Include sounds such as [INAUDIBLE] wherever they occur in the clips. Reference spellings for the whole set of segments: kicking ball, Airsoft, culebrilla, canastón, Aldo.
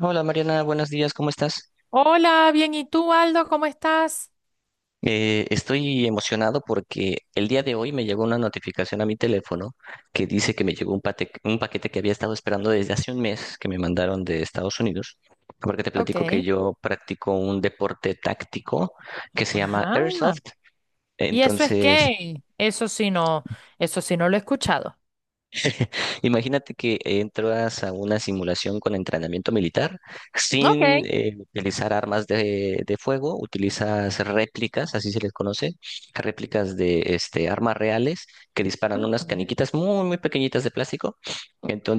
Hola Mariana, buenos días, ¿cómo estás? Hola, bien, ¿y tú, Aldo? ¿Cómo estás? Estoy emocionado porque el día de hoy me llegó una notificación a mi teléfono que dice que me llegó un paquete que había estado esperando desde hace un mes que me mandaron de Estados Unidos, porque te platico que Ok. yo practico un deporte táctico que se llama Ajá. Airsoft. ¿Y eso es Entonces, qué? Eso sí no lo he escuchado. imagínate que entras a una simulación con entrenamiento militar Ok. sin utilizar armas de fuego, utilizas réplicas, así se les conoce, réplicas de este, armas reales que disparan unas Ujú, caniquitas muy pequeñitas de plástico.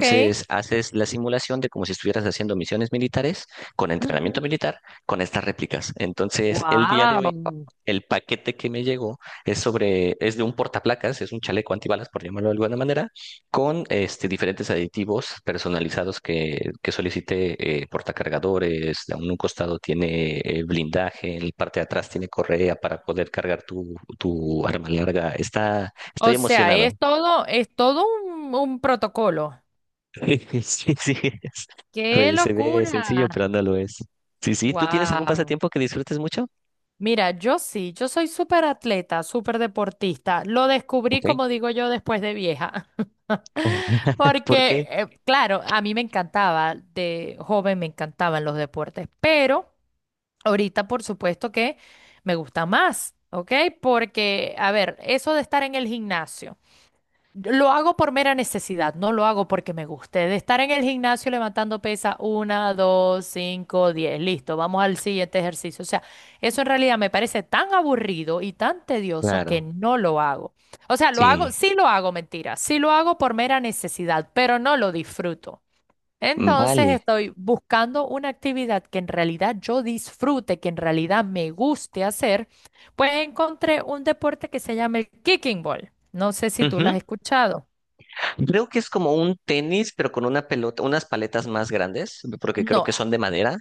ok. haces la simulación de como si estuvieras haciendo misiones militares con entrenamiento militar con estas réplicas. Entonces el día de Wow. hoy... El paquete que me llegó es sobre, es de un portaplacas, es un chaleco antibalas, por llamarlo de alguna manera, con este, diferentes aditivos personalizados que solicite portacargadores. En un costado tiene blindaje, en la parte de atrás tiene correa para poder cargar tu arma larga. Estoy O sea, emocionado. es [LAUGHS] todo, es todo un protocolo. Sí, sí, es- ¡Qué pues, se ve locura! sencillo, pero no lo es. Sí, sí, ¿tú tienes algún Wow. pasatiempo que disfrutes mucho? Mira, yo sí, yo soy súper atleta, súper deportista. Lo descubrí, Ok. como digo yo, después de vieja. [LAUGHS] [LAUGHS] ¿Por Porque, qué? Claro, a mí me encantaba, de joven me encantaban los deportes, pero ahorita por supuesto que me gusta más, ¿ok? Porque, a ver, eso de estar en el gimnasio. Lo hago por mera necesidad, no lo hago porque me guste. De estar en el gimnasio levantando pesa, una, dos, cinco, 10, listo, vamos al siguiente ejercicio. O sea, eso en realidad me parece tan aburrido y tan tedioso que Claro, no lo hago. O sea, lo hago, sí, sí lo hago, mentira, sí lo hago por mera necesidad, pero no lo disfruto. mm, Entonces vale. estoy buscando una actividad que en realidad yo disfrute, que en realidad me guste hacer, pues encontré un deporte que se llama el kicking ball. No sé si tú lo has escuchado. Creo que es como un tenis, pero con una pelota, unas paletas más grandes, porque creo No, que son de madera.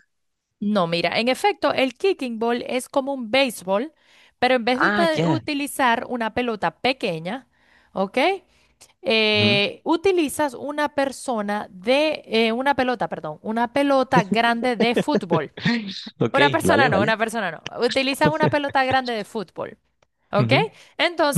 no, mira, en efecto, el kicking ball es como un béisbol, pero en vez de Ah, ya. utilizar una pelota pequeña, ¿ok? Ujú. Utilizas una persona de, una pelota, perdón, una pelota grande de fútbol. Ok, Una vale, persona no, vale. una persona no. Utilizas una pelota grande de fútbol, ¿ok? Ujú,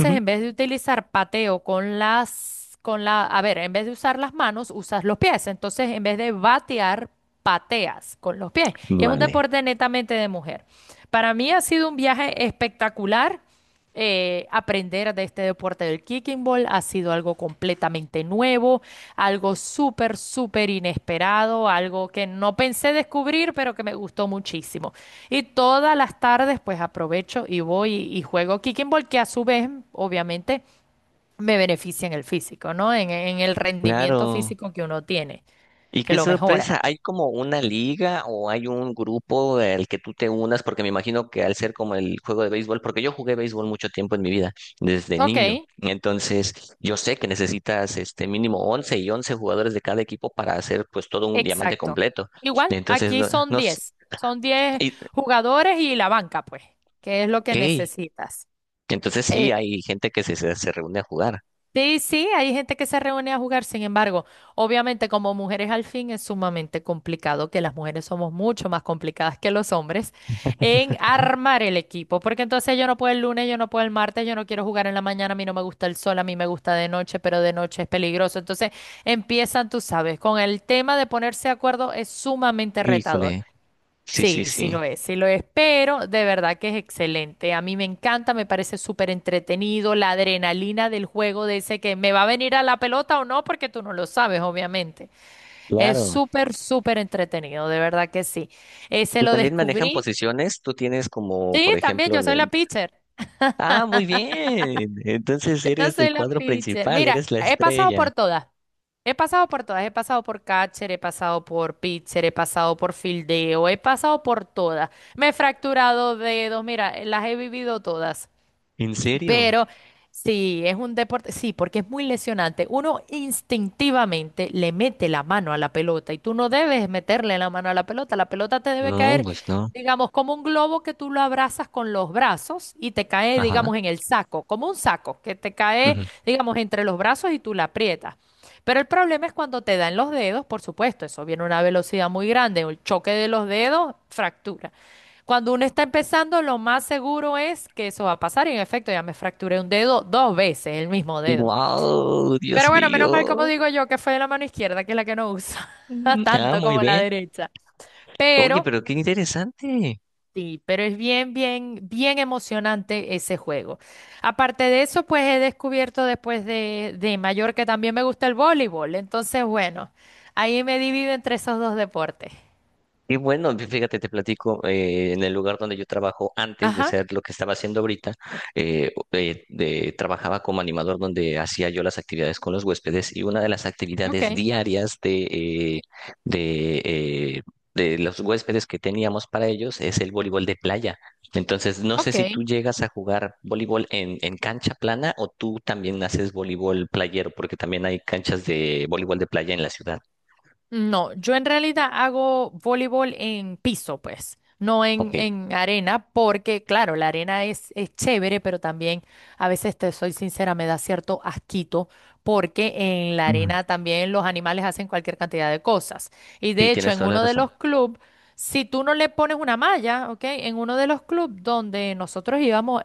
ujú. en vez de utilizar pateo con la, a ver, en vez de usar las manos, usas los pies. Entonces, en vez de batear, pateas con los pies. Y es un Vale. deporte netamente de mujer. Para mí ha sido un viaje espectacular. Aprender de este deporte del kicking ball ha sido algo completamente nuevo, algo súper, súper inesperado, algo que no pensé descubrir, pero que me gustó muchísimo. Y todas las tardes, pues aprovecho y voy y juego kicking ball, que a su vez, obviamente, me beneficia en el físico, ¿no? En el rendimiento Claro. físico que uno tiene, Y que qué lo sorpresa, mejora. ¿hay como una liga o hay un grupo al que tú te unas? Porque me imagino que al ser como el juego de béisbol, porque yo jugué béisbol mucho tiempo en mi vida, desde Ok, niño. Entonces, yo sé que necesitas este mínimo 11 y 11 jugadores de cada equipo para hacer pues todo un diamante exacto. completo. Igual, Entonces, aquí son no sé. diez son diez jugadores y la banca, pues, que es lo que Ok. necesitas. Entonces sí, hay gente que se reúne a jugar. Sí, sí, hay gente que se reúne a jugar, sin embargo, obviamente como mujeres al fin es sumamente complicado, que las mujeres somos mucho más complicadas que los hombres en armar el equipo, porque entonces yo no puedo el lunes, yo no puedo el martes, yo no quiero jugar en la mañana, a mí no me gusta el sol, a mí me gusta de noche, pero de noche es peligroso. Entonces empiezan, tú sabes, con el tema de ponerse de acuerdo es sumamente retador. Híjole. Sí, sí, Sí, sí. Sí lo es, pero de verdad que es excelente. A mí me encanta, me parece súper entretenido la adrenalina del juego de ese que me va a venir a la pelota o no, porque tú no lo sabes, obviamente. Es Claro. súper, súper entretenido, de verdad que sí. Ese Y lo también manejan descubrí. posiciones. Tú tienes como, Sí, por también ejemplo, yo en soy la el... pitcher. Ah, muy bien. Entonces Yo eres del soy la cuadro pitcher. principal, Mira, eres la he pasado estrella. por todas. He pasado por todas. He pasado por catcher, he pasado por pitcher, he pasado por fildeo, he pasado por todas. Me he fracturado dedos. Mira, las he vivido todas. ¿En serio? Pero sí, es un deporte, sí, porque es muy lesionante. Uno instintivamente le mete la mano a la pelota y tú no debes meterle la mano a la pelota. La pelota te debe No, caer, pues no. digamos, como un globo que tú lo abrazas con los brazos y te cae, Ajá. digamos, en el saco, como un saco que te cae, digamos, entre los brazos y tú la aprietas. Pero el problema es cuando te dan los dedos, por supuesto, eso viene a una velocidad muy grande, el choque de los dedos, fractura. Cuando uno está empezando, lo más seguro es que eso va a pasar. Y en efecto, ya me fracturé un dedo 2 veces, el mismo dedo. Wow, Dios Pero bueno, menos mal, como mío. digo yo, que fue la mano izquierda, que es la que no usa Mm, [LAUGHS] ah, tanto muy como la bien. derecha. Oye, Pero pero qué interesante. sí, pero es bien, bien, bien emocionante ese juego. Aparte de eso, pues he descubierto después de mayor que también me gusta el voleibol. Entonces, bueno, ahí me divido entre esos dos deportes. Y bueno, fíjate, te platico, en el lugar donde yo trabajo antes de Ajá, ser lo que estaba haciendo ahorita, trabajaba como animador donde hacía yo las actividades con los huéspedes y una de las actividades ok, diarias de, eh, de los huéspedes que teníamos para ellos es el voleibol de playa. Entonces, no sé ok. si tú llegas a jugar voleibol en cancha plana o tú también haces voleibol playero, porque también hay canchas de voleibol de playa en la ciudad. No, yo en realidad hago voleibol en piso, pues, no en, Ok, en arena, porque claro, la arena es chévere, pero también a veces, te soy sincera, me da cierto asquito, porque en la mm, arena también los animales hacen cualquier cantidad de cosas. Y sí, de hecho, tienes en toda la uno de razón. los clubes, si tú no le pones una malla, ¿ok? En uno de los clubes donde nosotros íbamos,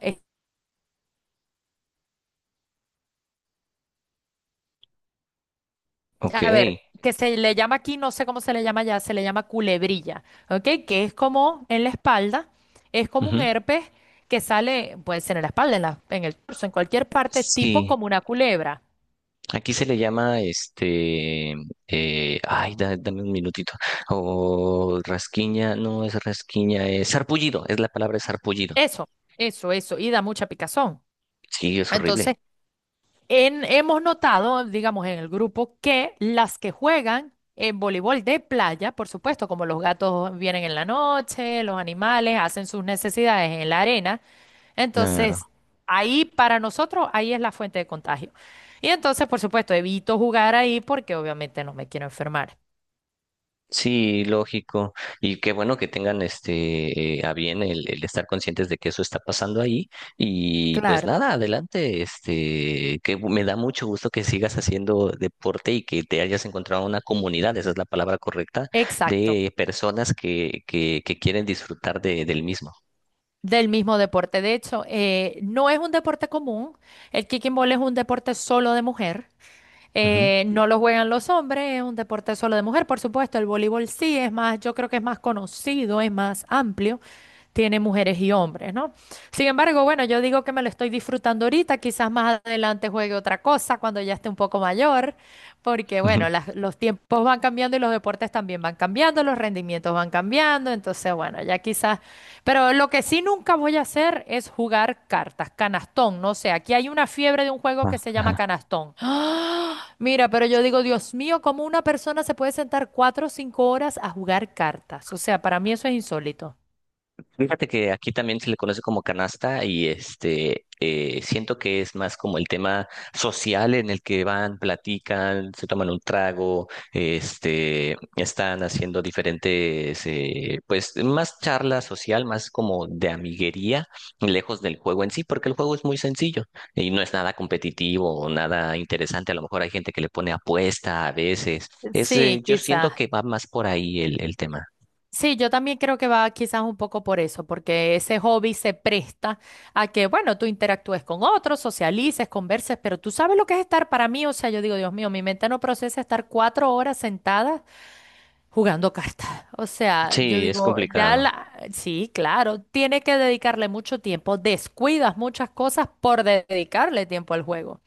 Ok. a ver, que se le llama aquí, no sé cómo se le llama ya, se le llama culebrilla, ¿ok? Que es como en la espalda, es como un Ujú. herpes que sale, puede ser en la espalda, en el torso, en cualquier parte, tipo Sí, como una culebra. aquí se le llama este, dame un minutito, o rasquiña, no es rasquiña, es sarpullido, es la palabra es sarpullido. Eso, eso, y da mucha picazón. Sí, es horrible. Entonces, hemos notado, digamos, en el grupo, que las que juegan en voleibol de playa, por supuesto, como los gatos vienen en la noche, los animales hacen sus necesidades en la arena. No, no, Entonces, no. ahí para nosotros, ahí es la fuente de contagio. Y entonces, por supuesto, evito jugar ahí porque obviamente no me quiero enfermar. Sí, lógico. Y qué bueno que tengan este a bien el estar conscientes de que eso está pasando ahí. Y pues Claro. nada, adelante. Este, que me da mucho gusto que sigas haciendo deporte y que te hayas encontrado una comunidad, esa es la palabra correcta, Exacto, de personas que quieren disfrutar de, del mismo. del mismo deporte. De hecho, no es un deporte común. El kicking ball es un deporte solo de mujer. Ujú. No lo juegan los hombres, es un deporte solo de mujer, por supuesto. El voleibol sí es más, yo creo que es más conocido, es más amplio, tiene mujeres y hombres, ¿no? Sin embargo, bueno, yo digo que me lo estoy disfrutando ahorita, quizás más adelante juegue otra cosa cuando ya esté un poco mayor, porque Ujú. bueno, los tiempos van cambiando y los deportes también van cambiando, los rendimientos van cambiando, entonces bueno, ya quizás, pero lo que sí nunca voy a hacer es jugar cartas, canastón, no sé, aquí hay una fiebre de un juego que Ah, se llama ajá. canastón. ¡Ah! Mira, pero yo digo, Dios mío, ¿cómo una persona se puede sentar 4 o 5 horas a jugar cartas? O sea, para mí eso es insólito. Fíjate que aquí también se le conoce como canasta y este siento que es más como el tema social en el que van, platican, se toman un trago, este están haciendo diferentes pues más charla social, más como de amiguería, lejos del juego en sí, porque el juego es muy sencillo y no es nada competitivo o nada interesante. A lo mejor hay gente que le pone apuesta a veces. Sí, Yo siento quizás. que va más por ahí el tema. Sí, yo también creo que va quizás un poco por eso, porque ese hobby se presta a que, bueno, tú interactúes con otros, socialices, converses, pero tú sabes lo que es estar para mí, o sea, yo digo, Dios mío, mi mente no procesa estar 4 horas sentada jugando cartas. O sea, yo Sí, es digo, ya complicado. la, sí, claro, tiene que dedicarle mucho tiempo, descuidas muchas cosas por dedicarle tiempo al juego.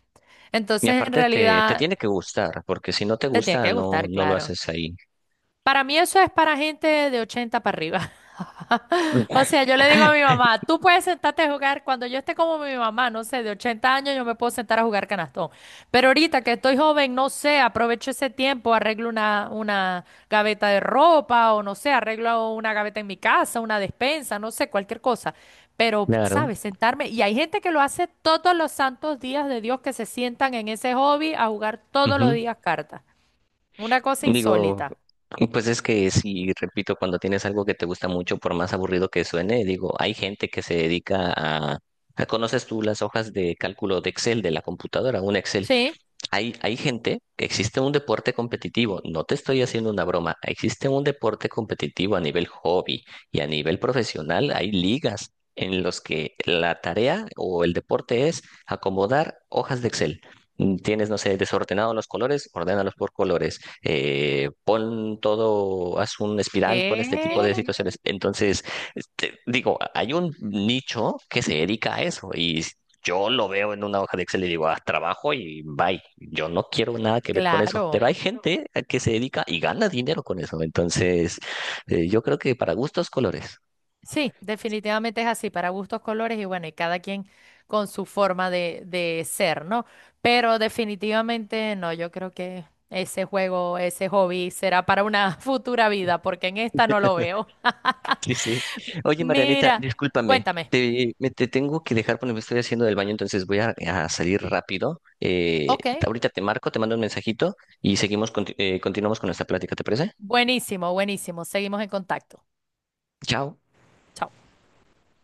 Y Entonces, en aparte te, te realidad, tiene que gustar, porque si no te te tiene gusta, que gustar, no lo claro. haces ahí. Para mí eso es para gente de 80 para arriba. [LAUGHS] O sea, yo le digo a mi [LAUGHS] mamá, tú puedes sentarte a jugar, cuando yo esté como mi mamá, no sé, de 80 años yo me puedo sentar a jugar canastón. Pero ahorita que estoy joven, no sé, aprovecho ese tiempo, arreglo una gaveta de ropa o no sé, arreglo una gaveta en mi casa, una despensa, no sé, cualquier cosa. Pero, Claro. ¿sabes? Sentarme. Y hay gente que lo hace todos los santos días de Dios, que se sientan en ese hobby a jugar todos los Ujú. días cartas. Una cosa Digo, insólita. pues es que sí, repito, cuando tienes algo que te gusta mucho, por más aburrido que suene, digo, hay gente que se dedica a... ¿Conoces tú las hojas de cálculo de Excel de la computadora? Un Excel. Sí. Hay gente que existe un deporte competitivo, no te estoy haciendo una broma, existe un deporte competitivo a nivel hobby y a nivel profesional, hay ligas en los que la tarea o el deporte es acomodar hojas de Excel. Mm, tienes, no sé, desordenados los colores, ordénalos por colores. Pon todo, haz un espiral con este tipo de ¿Qué? situaciones. Entonces, este, digo, hay un nicho que se dedica a eso y yo lo veo en una hoja de Excel y digo, haz trabajo y bye. Yo no quiero nada que ver con eso. Claro. Pero hay gente a que se dedica y gana dinero con eso. Entonces, yo creo que para gustos, colores. Sí, definitivamente es así, para gustos, colores y bueno, y cada quien con su forma de ser, ¿no? Pero definitivamente no, yo creo que ese juego, ese hobby será para una [LAUGHS] futura vida, porque en esta no lo veo. Sí, sí. [LAUGHS] Oye, Marianita, Mira, discúlpame. cuéntame. Te tengo que dejar porque me estoy haciendo del baño, entonces voy a salir rápido. Ok, Ahorita te marco, te mando un mensajito y seguimos, continuamos con nuestra plática, ¿te parece? buenísimo, buenísimo. Seguimos en contacto. Chao. Chao.